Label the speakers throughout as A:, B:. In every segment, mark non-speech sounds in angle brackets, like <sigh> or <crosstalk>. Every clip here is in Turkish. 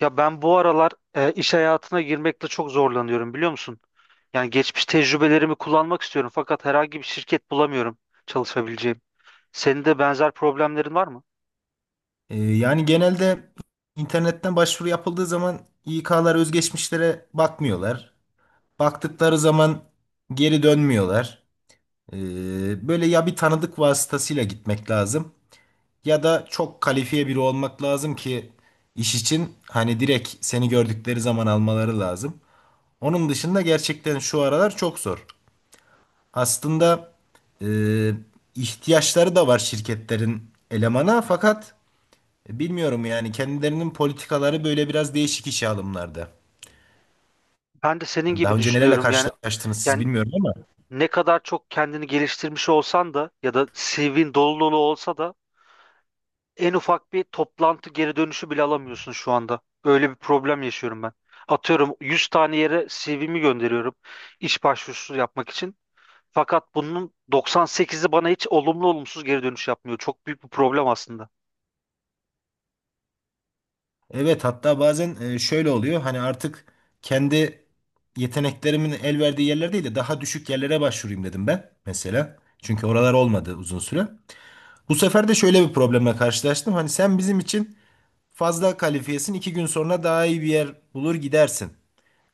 A: Ya ben bu aralar iş hayatına girmekte çok zorlanıyorum biliyor musun? Yani geçmiş tecrübelerimi kullanmak istiyorum fakat herhangi bir şirket bulamıyorum çalışabileceğim. Senin de benzer problemlerin var mı?
B: Yani genelde internetten başvuru yapıldığı zaman İK'lar özgeçmişlere bakmıyorlar. Baktıkları zaman geri dönmüyorlar. Böyle ya bir tanıdık vasıtasıyla gitmek lazım ya da çok kalifiye biri olmak lazım ki iş için hani direkt seni gördükleri zaman almaları lazım. Onun dışında gerçekten şu aralar çok zor. Aslında e, ihtiyaçları da var şirketlerin elemana, fakat bilmiyorum, yani kendilerinin politikaları böyle biraz değişik işe alımlarda.
A: Ben de senin
B: Yani daha
A: gibi
B: önce nelerle
A: düşünüyorum. Yani
B: karşılaştınız siz
A: yani
B: bilmiyorum ama
A: ne kadar çok kendini geliştirmiş olsan da ya da CV'nin dolu dolu olsa da en ufak bir toplantı geri dönüşü bile alamıyorsun şu anda. Öyle bir problem yaşıyorum ben. Atıyorum 100 tane yere CV'mi gönderiyorum iş başvurusu yapmak için. Fakat bunun 98'i bana hiç olumlu olumsuz geri dönüş yapmıyor. Çok büyük bir problem aslında.
B: evet, hatta bazen şöyle oluyor, hani artık kendi yeteneklerimin el verdiği yerler değil de daha düşük yerlere başvurayım dedim ben mesela. Çünkü oralar olmadı uzun süre. Bu sefer de şöyle bir problemle karşılaştım. Hani sen bizim için fazla kalifiyesin. İki gün sonra daha iyi bir yer bulur gidersin.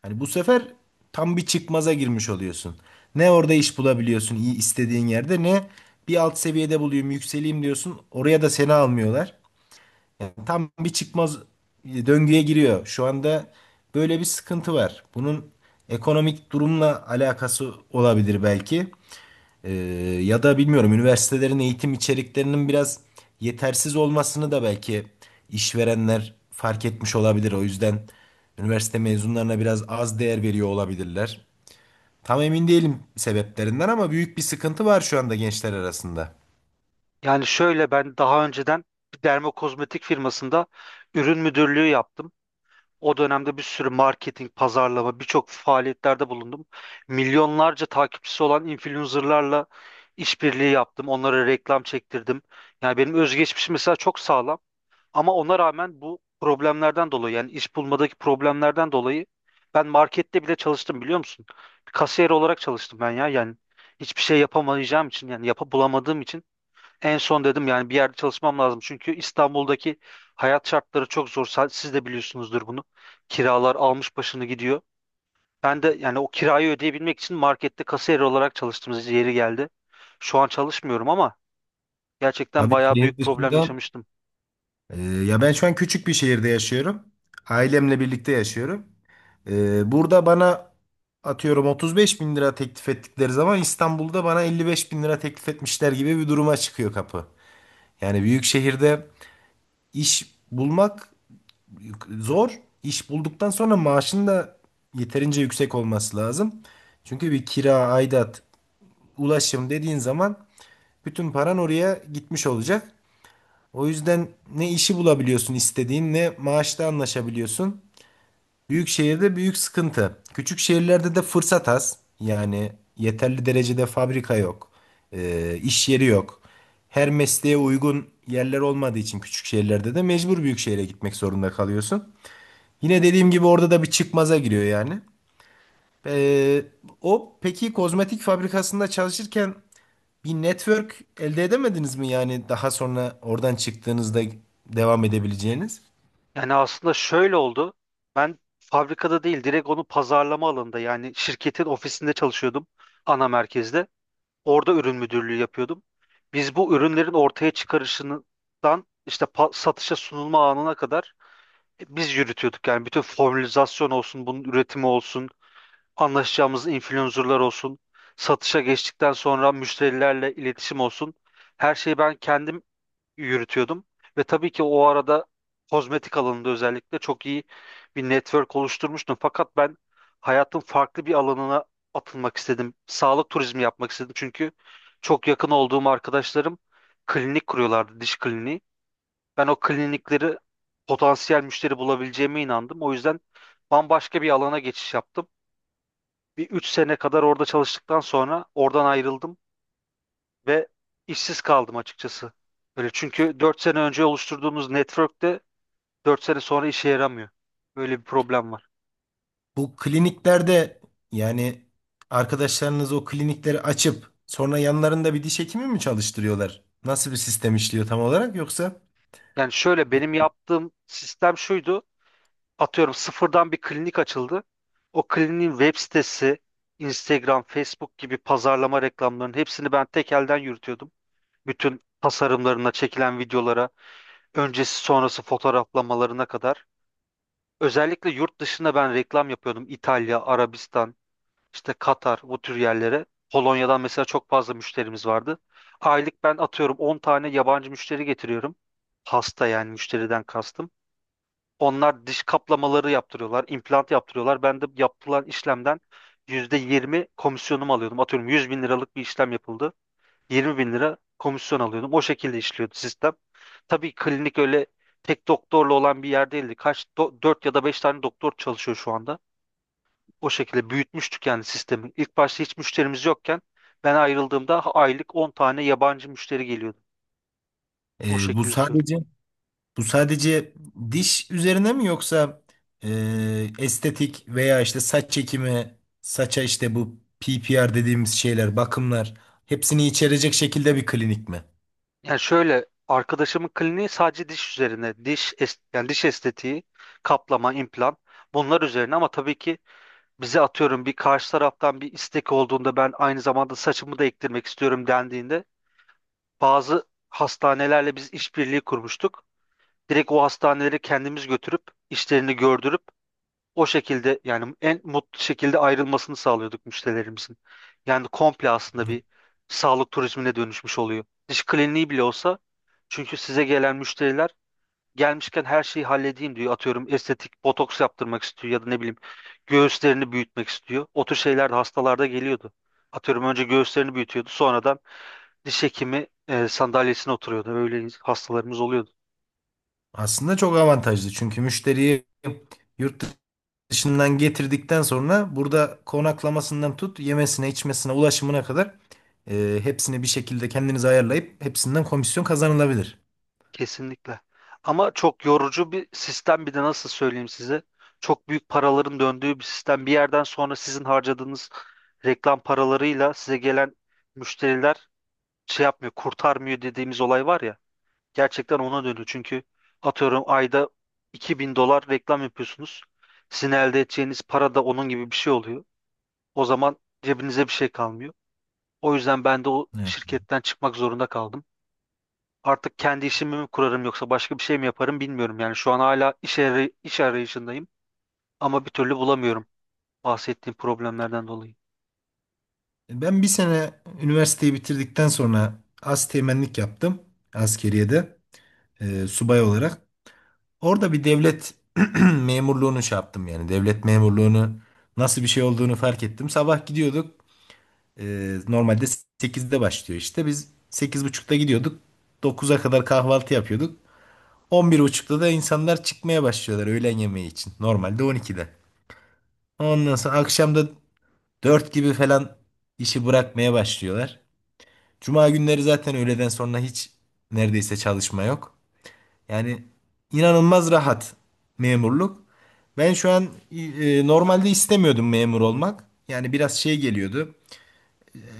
B: Hani bu sefer tam bir çıkmaza girmiş oluyorsun. Ne orada iş bulabiliyorsun iyi istediğin yerde ne bir alt seviyede bulayım yükseleyim diyorsun. Oraya da seni almıyorlar. Yani tam bir çıkmaz döngüye giriyor. Şu anda böyle bir sıkıntı var. Bunun ekonomik durumla alakası olabilir belki. Ee, Ya da bilmiyorum, üniversitelerin eğitim içeriklerinin biraz yetersiz olmasını da belki işverenler fark etmiş olabilir. O yüzden üniversite mezunlarına biraz az değer veriyor olabilirler. Tam emin değilim sebeplerinden ama büyük bir sıkıntı var şu anda gençler arasında.
A: Yani şöyle ben daha önceden bir dermokozmetik firmasında ürün müdürlüğü yaptım. O dönemde bir sürü marketing, pazarlama, birçok faaliyetlerde bulundum. Milyonlarca takipçisi olan influencerlarla işbirliği yaptım. Onlara reklam çektirdim. Yani benim özgeçmişim mesela çok sağlam. Ama ona rağmen bu problemlerden dolayı yani iş bulmadaki problemlerden dolayı ben markette bile çalıştım biliyor musun? Bir kasiyer olarak çalıştım ben ya yani hiçbir şey yapamayacağım için yani yapa bulamadığım için en son dedim yani bir yerde çalışmam lazım. Çünkü İstanbul'daki hayat şartları çok zor. Siz de biliyorsunuzdur bunu. Kiralar almış başını gidiyor. Ben de yani o kirayı ödeyebilmek için markette kasiyer olarak çalıştığımız yeri geldi. Şu an çalışmıyorum ama gerçekten
B: Tabii,
A: bayağı
B: şehir
A: büyük problem
B: dışında.
A: yaşamıştım.
B: Ya, ben şu an küçük bir şehirde yaşıyorum. Ailemle birlikte yaşıyorum. Burada bana atıyorum 35 bin lira teklif ettikleri zaman İstanbul'da bana 55 bin lira teklif etmişler gibi bir duruma çıkıyor kapı. Yani büyük şehirde iş bulmak zor. İş bulduktan sonra maaşın da yeterince yüksek olması lazım. Çünkü bir kira, aidat, ulaşım dediğin zaman bütün paran oraya gitmiş olacak. O yüzden ne işi bulabiliyorsun istediğin ne maaşta anlaşabiliyorsun. Büyük şehirde büyük sıkıntı. Küçük şehirlerde de fırsat az. Yani yeterli derecede fabrika yok. İş yeri yok. Her mesleğe uygun yerler olmadığı için küçük şehirlerde de mecbur büyük şehre gitmek zorunda kalıyorsun. Yine dediğim gibi orada da bir çıkmaza giriyor yani. Ee, O peki, kozmetik fabrikasında çalışırken bir network elde edemediniz mi, yani daha sonra oradan çıktığınızda devam edebileceğiniz?
A: Yani aslında şöyle oldu. Ben fabrikada değil, direkt onu pazarlama alanında yani şirketin ofisinde çalışıyordum ana merkezde. Orada ürün müdürlüğü yapıyordum. Biz bu ürünlerin ortaya çıkarışından işte satışa sunulma anına kadar biz yürütüyorduk. Yani bütün formülizasyon olsun, bunun üretimi olsun, anlaşacağımız influencerlar olsun, satışa geçtikten sonra müşterilerle iletişim olsun. Her şeyi ben kendim yürütüyordum. Ve tabii ki o arada kozmetik alanında özellikle çok iyi bir network oluşturmuştum. Fakat ben hayatın farklı bir alanına atılmak istedim. Sağlık turizmi yapmak istedim. Çünkü çok yakın olduğum arkadaşlarım klinik kuruyorlardı, diş kliniği. Ben o klinikleri potansiyel müşteri bulabileceğime inandım. O yüzden bambaşka bir alana geçiş yaptım. Bir 3 sene kadar orada çalıştıktan sonra oradan ayrıldım ve işsiz kaldım açıkçası. Böyle çünkü 4 sene önce oluşturduğumuz network'te 4 sene sonra işe yaramıyor. Böyle bir problem var.
B: Bu kliniklerde yani arkadaşlarınız o klinikleri açıp sonra yanlarında bir diş hekimi mi çalıştırıyorlar? Nasıl bir sistem işliyor tam olarak, yoksa?
A: Yani şöyle
B: Evet.
A: benim yaptığım sistem şuydu. Atıyorum sıfırdan bir klinik açıldı. O kliniğin web sitesi, Instagram, Facebook gibi pazarlama reklamlarının hepsini ben tek elden yürütüyordum. Bütün tasarımlarına, çekilen videolara, öncesi sonrası fotoğraflamalarına kadar. Özellikle yurt dışında ben reklam yapıyordum. İtalya, Arabistan, işte Katar bu tür yerlere. Polonya'dan mesela çok fazla müşterimiz vardı. Aylık ben atıyorum 10 tane yabancı müşteri getiriyorum. Hasta yani müşteriden kastım. Onlar diş kaplamaları yaptırıyorlar, implant yaptırıyorlar. Ben de yapılan işlemden %20 komisyonumu alıyordum. Atıyorum 100 bin liralık bir işlem yapıldı. 20 bin lira komisyon alıyordum. O şekilde işliyordu sistem. Tabii klinik öyle tek doktorla olan bir yer değildi. Dört ya da 5 tane doktor çalışıyor şu anda. O şekilde büyütmüştük yani sistemin. İlk başta hiç müşterimiz yokken ben ayrıldığımda aylık 10 tane yabancı müşteri geliyordu. O
B: Ee, bu
A: şekilde söyleyeyim.
B: sadece bu sadece diş üzerine mi, yoksa estetik veya işte saç çekimi, saça işte bu PPR dediğimiz şeyler, bakımlar hepsini içerecek şekilde bir klinik mi?
A: Yani şöyle arkadaşımın kliniği sadece diş üzerine, diş yani diş estetiği, kaplama, implant bunlar üzerine ama tabii ki bize atıyorum bir karşı taraftan bir istek olduğunda ben aynı zamanda saçımı da ektirmek istiyorum dendiğinde bazı hastanelerle biz işbirliği kurmuştuk. Direkt o hastaneleri kendimiz götürüp işlerini gördürüp o şekilde yani en mutlu şekilde ayrılmasını sağlıyorduk müşterilerimizin. Yani komple aslında bir sağlık turizmine dönüşmüş oluyor. Diş kliniği bile olsa çünkü size gelen müşteriler gelmişken her şeyi halledeyim diyor. Atıyorum estetik botoks yaptırmak istiyor ya da ne bileyim göğüslerini büyütmek istiyor. O tür şeyler de hastalarda geliyordu. Atıyorum önce göğüslerini büyütüyordu sonradan diş hekimi sandalyesine oturuyordu. Öyle hastalarımız oluyordu.
B: Aslında çok avantajlı çünkü müşteriyi yurt dışından getirdikten sonra burada konaklamasından tut yemesine, içmesine, ulaşımına kadar hepsini bir şekilde kendiniz ayarlayıp hepsinden komisyon kazanılabilir.
A: Kesinlikle. Ama çok yorucu bir sistem bir de nasıl söyleyeyim size. Çok büyük paraların döndüğü bir sistem. Bir yerden sonra sizin harcadığınız reklam paralarıyla size gelen müşteriler şey yapmıyor, kurtarmıyor dediğimiz olay var ya. Gerçekten ona dönüyor. Çünkü atıyorum ayda 2.000 dolar reklam yapıyorsunuz. Sizin elde edeceğiniz para da onun gibi bir şey oluyor. O zaman cebinize bir şey kalmıyor. O yüzden ben de o
B: Evet.
A: şirketten çıkmak zorunda kaldım. Artık kendi işimi mi kurarım yoksa başka bir şey mi yaparım bilmiyorum. Yani şu an hala iş arayışındayım ama bir türlü bulamıyorum bahsettiğim problemlerden dolayı.
B: Ben bir sene üniversiteyi bitirdikten sonra asteğmenlik yaptım askeriyede, subay olarak. Orada bir devlet <clears throat> memurluğunu şey yaptım yani. Devlet memurluğunu nasıl bir şey olduğunu fark ettim. Sabah gidiyorduk. Normalde 8'de başlıyor işte. Biz 8.30'da gidiyorduk. 9'a kadar kahvaltı yapıyorduk. 11.30'da da insanlar çıkmaya başlıyorlar öğlen yemeği için. Normalde 12'de. Ondan sonra akşam da 4 gibi falan işi bırakmaya başlıyorlar. Cuma günleri zaten öğleden sonra hiç neredeyse çalışma yok. Yani inanılmaz rahat memurluk. Ben şu an normalde istemiyordum memur olmak. Yani biraz şey geliyordu.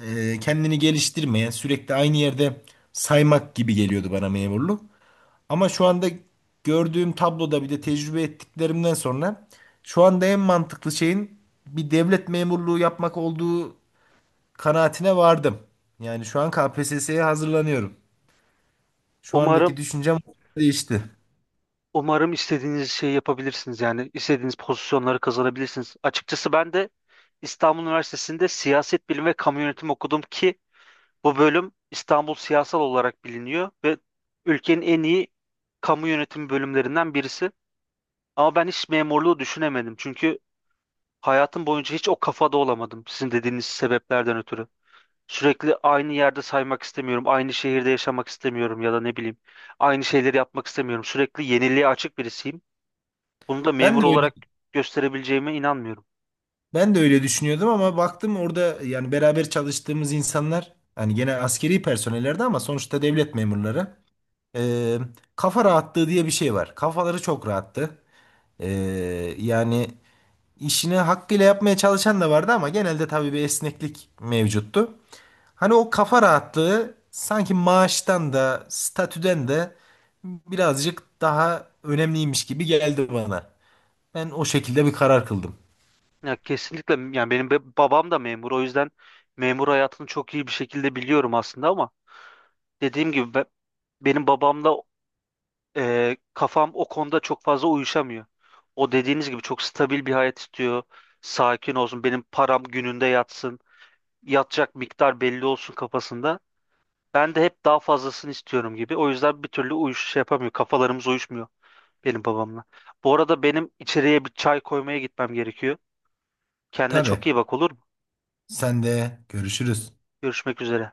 B: Kendini geliştirmeye, sürekli aynı yerde saymak gibi geliyordu bana memurluk. Ama şu anda gördüğüm tabloda bir de tecrübe ettiklerimden sonra şu anda en mantıklı şeyin bir devlet memurluğu yapmak olduğu kanaatine vardım. Yani şu an KPSS'ye hazırlanıyorum. Şu andaki
A: Umarım
B: düşüncem değişti.
A: umarım istediğiniz şeyi yapabilirsiniz yani istediğiniz pozisyonları kazanabilirsiniz. Açıkçası ben de İstanbul Üniversitesi'nde siyaset bilimi ve kamu yönetimi okudum ki bu bölüm İstanbul siyasal olarak biliniyor ve ülkenin en iyi kamu yönetimi bölümlerinden birisi. Ama ben hiç memurluğu düşünemedim çünkü hayatım boyunca hiç o kafada olamadım sizin dediğiniz sebeplerden ötürü. Sürekli aynı yerde saymak istemiyorum, aynı şehirde yaşamak istemiyorum ya da ne bileyim, aynı şeyleri yapmak istemiyorum. Sürekli yeniliğe açık birisiyim. Bunu da
B: Ben
A: memur
B: de öyle
A: olarak gösterebileceğime inanmıyorum.
B: Ben de öyle düşünüyordum ama baktım orada yani beraber çalıştığımız insanlar hani gene askeri personellerdi ama sonuçta devlet memurları. Ee, Kafa rahatlığı diye bir şey var. Kafaları çok rahattı. Ee, yani işini hakkıyla yapmaya çalışan da vardı ama genelde tabii bir esneklik mevcuttu. Hani o kafa rahatlığı sanki maaştan da statüden de birazcık daha önemliymiş gibi geldi bana. Ben o şekilde bir karar kıldım.
A: Ya kesinlikle yani benim babam da memur o yüzden memur hayatını çok iyi bir şekilde biliyorum aslında ama dediğim gibi benim babamda kafam o konuda çok fazla uyuşamıyor. O dediğiniz gibi çok stabil bir hayat istiyor. Sakin olsun, benim param gününde yatsın, yatacak miktar belli olsun kafasında. Ben de hep daha fazlasını istiyorum gibi. O yüzden bir türlü şey yapamıyor. Kafalarımız uyuşmuyor benim babamla. Bu arada benim içeriye bir çay koymaya gitmem gerekiyor. Kendine
B: Tabii.
A: çok iyi bak olur mu?
B: Sen de görüşürüz.
A: Görüşmek üzere.